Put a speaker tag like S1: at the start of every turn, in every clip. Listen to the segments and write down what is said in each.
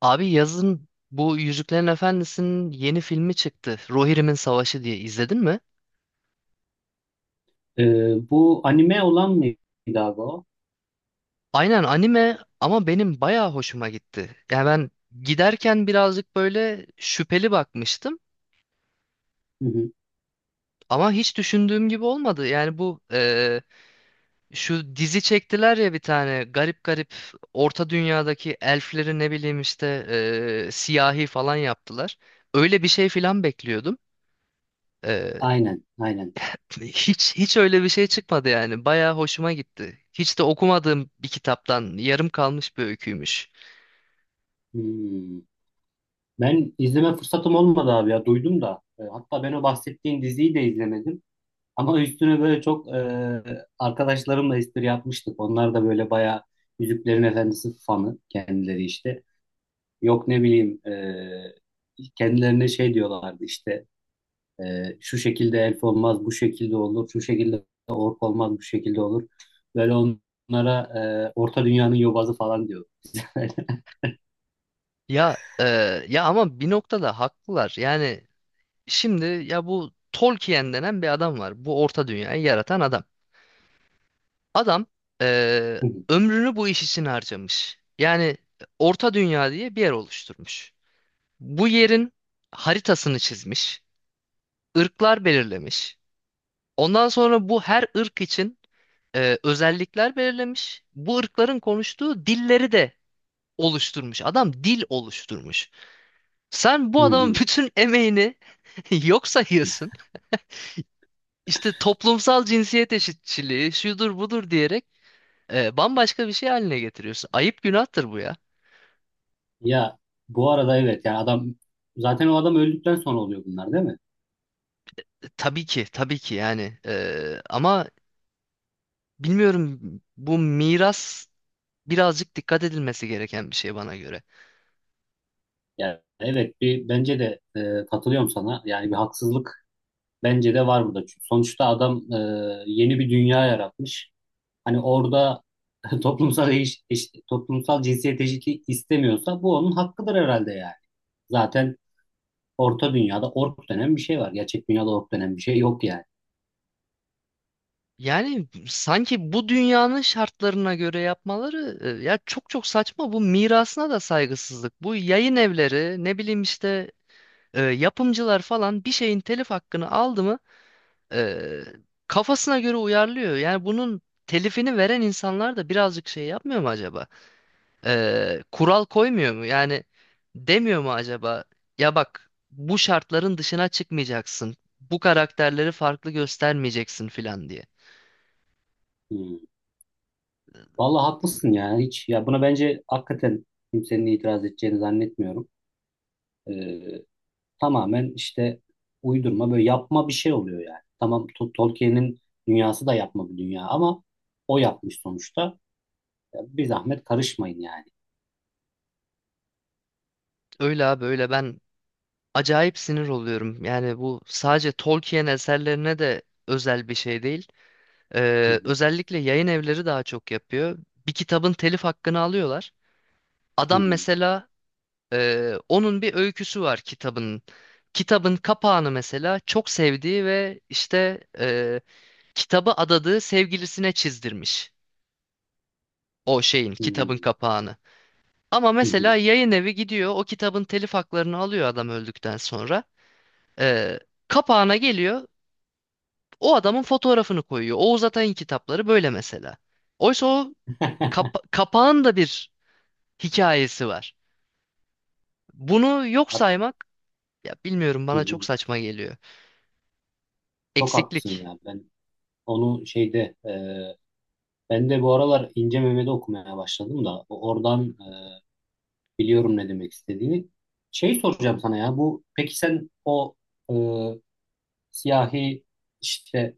S1: Abi yazın bu Yüzüklerin Efendisi'nin yeni filmi çıktı. Rohirrim'in Savaşı diye izledin mi?
S2: Bu anime olan mıydı abi o?
S1: Aynen anime ama benim bayağı hoşuma gitti. Yani ben giderken birazcık böyle şüpheli bakmıştım
S2: Hı hı.
S1: ama hiç düşündüğüm gibi olmadı. Yani bu şu dizi çektiler ya bir tane garip garip Orta Dünya'daki elfleri ne bileyim işte siyahi falan yaptılar. Öyle bir şey falan bekliyordum.
S2: Aynen, aynen.
S1: Hiç öyle bir şey çıkmadı yani. Bayağı hoşuma gitti. Hiç de okumadığım bir kitaptan yarım kalmış bir öyküymüş.
S2: Hmm. Ben izleme fırsatım olmadı abi ya, duydum da. Hatta ben o bahsettiğin diziyi de izlemedim. Ama üstüne böyle çok arkadaşlarımla espri yapmıştık. Onlar da böyle bayağı Yüzüklerin Efendisi fanı kendileri işte. Yok ne bileyim, kendilerine şey diyorlardı işte. Şu şekilde elf olmaz, bu şekilde olur, şu şekilde ork olmaz, bu şekilde olur. Böyle onlara Orta Dünya'nın yobazı falan diyor.
S1: Ya ya ama bir noktada haklılar. Yani şimdi ya bu Tolkien denen bir adam var. Bu Orta Dünya'yı yaratan adam. Adam e,
S2: Hı
S1: ömrünü bu iş için harcamış. Yani Orta Dünya diye bir yer oluşturmuş. Bu yerin haritasını çizmiş, ırklar belirlemiş. Ondan sonra bu her ırk için özellikler belirlemiş. Bu ırkların konuştuğu dilleri de oluşturmuş. Adam dil oluşturmuş. Sen bu adamın
S2: hı.
S1: bütün emeğini yok sayıyorsun. İşte toplumsal cinsiyet eşitçiliği şudur budur diyerek bambaşka bir şey haline getiriyorsun. Ayıp günahtır bu ya.
S2: Ya bu arada evet yani adam zaten o adam öldükten sonra oluyor bunlar değil mi?
S1: Tabii ki tabii ki yani. Ama bilmiyorum bu miras birazcık dikkat edilmesi gereken bir şey bana göre.
S2: Yani evet bir bence de katılıyorum sana. Yani bir haksızlık bence de var burada. Çünkü sonuçta adam yeni bir dünya yaratmış. Hani orada toplumsal toplumsal cinsiyet eşitliği istemiyorsa bu onun hakkıdır herhalde yani. Zaten orta dünyada ork denen bir şey var. Gerçek dünyada ork denen bir şey yok yani.
S1: Yani sanki bu dünyanın şartlarına göre yapmaları ya çok çok saçma. Bu mirasına da saygısızlık. Bu yayın evleri ne bileyim işte yapımcılar falan bir şeyin telif hakkını aldı mı e, kafasına göre uyarlıyor. Yani bunun telifini veren insanlar da birazcık şey yapmıyor mu acaba? Kural koymuyor mu? Yani demiyor mu acaba? Ya bak bu şartların dışına çıkmayacaksın. Bu karakterleri farklı göstermeyeceksin filan diye.
S2: Hmm. Vallahi haklısın ya. Hiç ya buna bence hakikaten kimsenin itiraz edeceğini zannetmiyorum. Ee, Tamamen işte uydurma böyle yapma bir şey oluyor yani. Tamam Tolkien'in dünyası da yapma bir dünya ama o yapmış sonuçta. Ya bir zahmet karışmayın yani.
S1: Öyle abi öyle ben acayip sinir oluyorum. Yani bu sadece Tolkien eserlerine de özel bir şey değil.
S2: Hı
S1: Ee,
S2: hı,
S1: özellikle yayın evleri daha çok yapıyor. Bir kitabın telif hakkını alıyorlar.
S2: hı
S1: Adam
S2: hı,
S1: mesela onun bir öyküsü var kitabın. Kitabın kapağını mesela çok sevdiği ve işte kitabı adadığı sevgilisine çizdirmiş. O şeyin
S2: hı
S1: kitabın
S2: hı,
S1: kapağını. Ama
S2: hı
S1: mesela
S2: hı.
S1: yayın evi gidiyor o kitabın telif haklarını alıyor adam öldükten sonra. Ee, kapağına geliyor. O adamın fotoğrafını koyuyor. Oğuz Atay'ın kitapları böyle mesela. Oysa o kapağın da bir hikayesi var. Bunu yok
S2: Hak-
S1: saymak ya bilmiyorum
S2: hı
S1: bana çok
S2: hı.
S1: saçma geliyor.
S2: Çok haklısın
S1: Eksiklik.
S2: ya. Ben onu şeyde ben de bu aralar İnce Mehmet'i okumaya başladım da oradan biliyorum ne demek istediğini. Şey soracağım sana ya bu peki sen o e, siyahi işte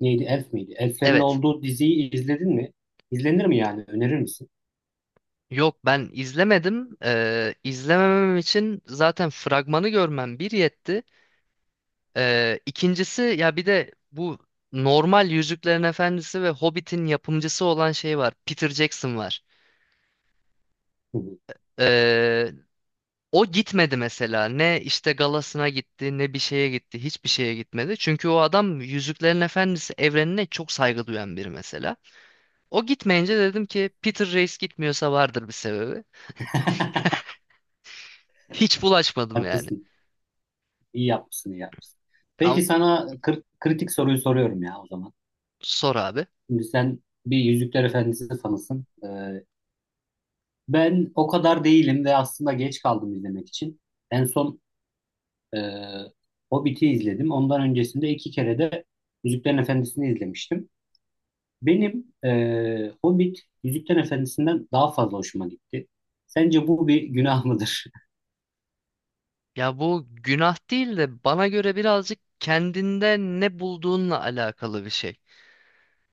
S2: neydi Elf miydi? Elflerin
S1: Evet.
S2: olduğu diziyi izledin mi? İzlenir mi yani? Önerir misin?
S1: Yok ben izlemedim. İzlememem için zaten fragmanı görmem bir yetti. İkincisi ya bir de bu normal Yüzüklerin Efendisi ve Hobbit'in yapımcısı olan şey var. Peter Jackson var.
S2: Hı hı.
S1: Ee, O gitmedi mesela. Ne işte galasına gitti, ne bir şeye gitti, hiçbir şeye gitmedi. Çünkü o adam Yüzüklerin Efendisi evrenine çok saygı duyan biri mesela. O gitmeyince dedim ki Peter Reis gitmiyorsa vardır bir sebebi. Hiç bulaşmadım yani.
S2: Haklısın. İyi yapmışsın, iyi yapmışsın.
S1: Ama
S2: Peki sana kritik soruyu soruyorum ya o zaman.
S1: sor abi.
S2: Şimdi sen bir Yüzükler Efendisi fanısın. Ben o kadar değilim ve aslında geç kaldım izlemek için. En son Ee, Hobbit'i izledim. Ondan öncesinde iki kere de Yüzüklerin Efendisi'ni izlemiştim. Benim Hobbit Yüzüklerin Efendisi'nden daha fazla hoşuma gitti. Sence bu bir günah mıdır?
S1: Ya bu günah değil de bana göre birazcık kendinde ne bulduğunla alakalı bir şey.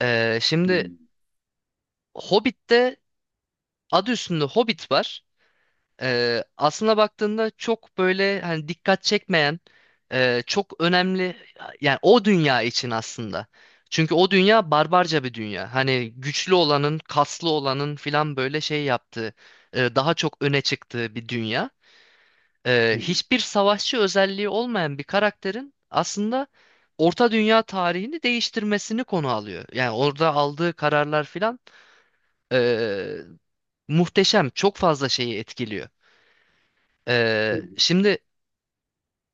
S1: Şimdi
S2: Hmm,
S1: Hobbit'te adı üstünde Hobbit var. Aslına baktığında çok böyle hani dikkat çekmeyen çok önemli yani o dünya için aslında. Çünkü o dünya barbarca bir dünya. Hani güçlü olanın, kaslı olanın filan böyle şey yaptığı, daha çok öne çıktığı bir dünya. Ee,
S2: hı hı,
S1: hiçbir savaşçı özelliği olmayan bir karakterin aslında Orta Dünya tarihini değiştirmesini konu alıyor. Yani orada aldığı kararlar filan e, muhteşem, çok fazla şeyi etkiliyor.
S2: hı
S1: Şimdi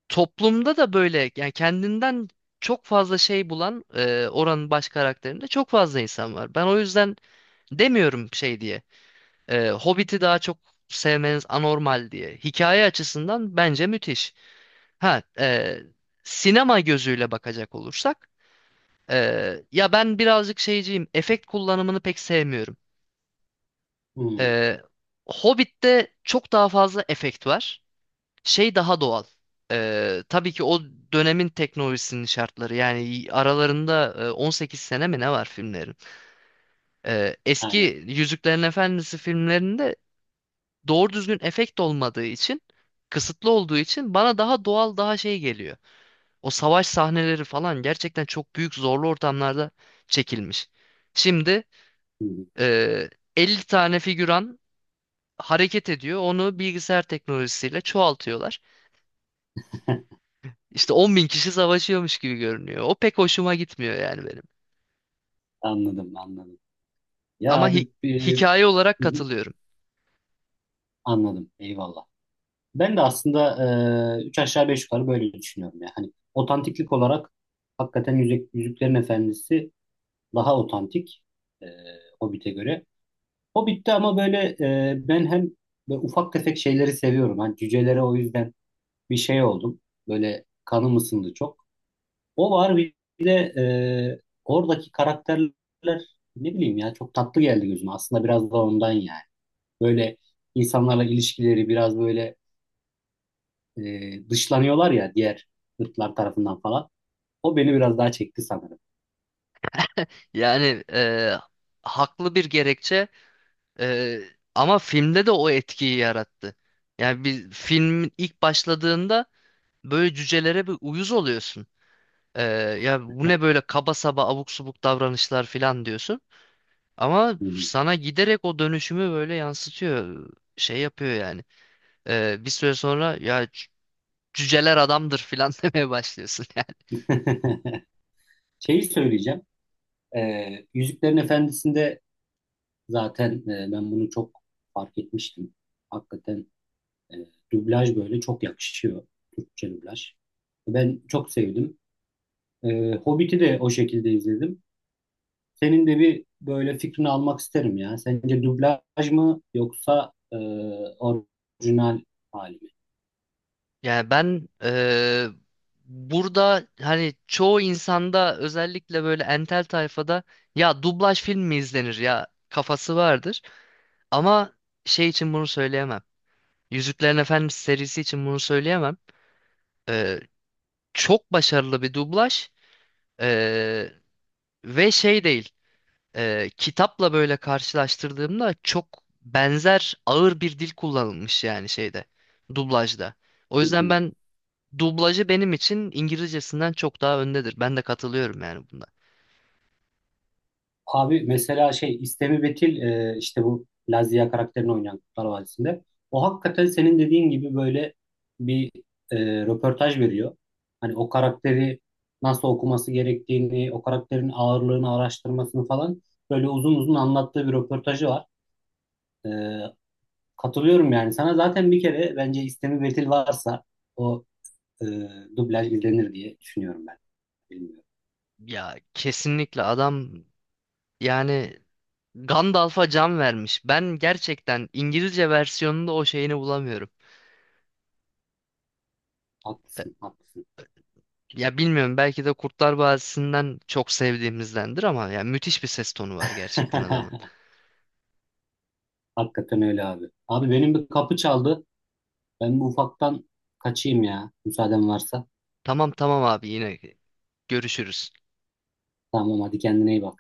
S1: toplumda da böyle yani kendinden çok fazla şey bulan oranın baş karakterinde çok fazla insan var. Ben o yüzden demiyorum şey diye. Hobbit'i daha çok sevmeniz anormal diye. Hikaye açısından bence müthiş. Ha, sinema gözüyle bakacak olursak e, ya ben birazcık şeyciyim. Efekt kullanımını pek sevmiyorum.
S2: hı, hı.
S1: E, Hobbit'te çok daha fazla efekt var. Şey daha doğal. Tabii ki o dönemin teknolojisinin şartları yani aralarında 18 sene mi ne var filmlerin? Eski
S2: Aynen.
S1: Yüzüklerin Efendisi filmlerinde doğru düzgün efekt olmadığı için kısıtlı olduğu için bana daha doğal daha şey geliyor. O savaş sahneleri falan gerçekten çok büyük zorlu ortamlarda çekilmiş. Şimdi
S2: Hı hı.
S1: e, 50 tane figüran hareket ediyor onu bilgisayar teknolojisiyle çoğaltıyorlar. İşte 10 bin kişi savaşıyormuş gibi görünüyor. O pek hoşuma gitmiyor yani benim.
S2: Anladım, anladım. Ya
S1: Ama
S2: abi hı
S1: hikaye olarak
S2: hı,
S1: katılıyorum.
S2: anladım. Eyvallah. Ben de aslında üç aşağı beş yukarı böyle düşünüyorum ya. Hani otantiklik olarak hakikaten Yüzüklerin Efendisi daha otantik e, Hobbit'e göre. O bitti ama böyle ben hem böyle ufak tefek şeyleri seviyorum. Hani cücelere o yüzden bir şey oldum. Böyle kanım ısındı çok. O var bir de oradaki karakterler ne bileyim ya çok tatlı geldi gözüme. Aslında biraz da ondan yani. Böyle insanlarla ilişkileri biraz böyle dışlanıyorlar ya diğer ırklar tarafından falan. O beni biraz daha çekti sanırım.
S1: Yani haklı bir gerekçe e, ama filmde de o etkiyi yarattı. Yani bir filmin ilk başladığında böyle cücelere bir uyuz oluyorsun. E, ya bu ne böyle kaba saba abuk subuk davranışlar falan diyorsun. Ama
S2: Hı.
S1: sana giderek o dönüşümü böyle yansıtıyor. Şey yapıyor yani. Bir süre sonra ya cüceler adamdır filan demeye başlıyorsun yani.
S2: Hı. Şeyi söyleyeceğim. E, Yüzüklerin Efendisi'nde zaten ben bunu çok fark etmiştim. Hakikaten e, dublaj böyle çok yakışıyor. Türkçe dublaj. Ben çok sevdim. Hobbit'i de o şekilde izledim. Senin de bir böyle fikrini almak isterim ya. Sence dublaj mı yoksa orijinal hali mi?
S1: Yani ben burada hani çoğu insanda özellikle böyle entel tayfada ya dublaj film mi izlenir ya kafası vardır. Ama şey için bunu söyleyemem. Yüzüklerin Efendisi serisi için bunu söyleyemem. Eee, çok başarılı bir dublaj eee, ve şey değil. Kitapla böyle karşılaştırdığımda çok benzer ağır bir dil kullanılmış yani şeyde dublajda. O
S2: Hı
S1: yüzden
S2: hı.
S1: ben dublajı benim için İngilizcesinden çok daha öndedir. Ben de katılıyorum yani bunda.
S2: Abi mesela şey İstemi Betil işte bu Lazia karakterini oynayan Kurtlar Vadisi'nde. O hakikaten senin dediğin gibi böyle bir e, röportaj veriyor. Hani o karakteri nasıl okuması gerektiğini, o karakterin ağırlığını araştırmasını falan böyle uzun uzun anlattığı bir röportajı var. E, Katılıyorum yani sana. Zaten bir kere bence İstemi Betil varsa o e, dublaj izlenir diye düşünüyorum ben. Bilmiyorum.
S1: Ya kesinlikle adam yani Gandalf'a can vermiş. Ben gerçekten İngilizce versiyonunda o şeyini bulamıyorum. E,
S2: Haklısın, haklısın.
S1: Ya bilmiyorum belki de Kurtlar Vadisi'nden çok sevdiğimizdendir ama ya müthiş bir ses tonu var gerçekten adamın.
S2: Hakikaten öyle abi. Abi benim bir kapı çaldı. Ben bu ufaktan kaçayım ya. Müsaaden varsa.
S1: Tamam tamam abi yine görüşürüz.
S2: Tamam hadi kendine iyi bak.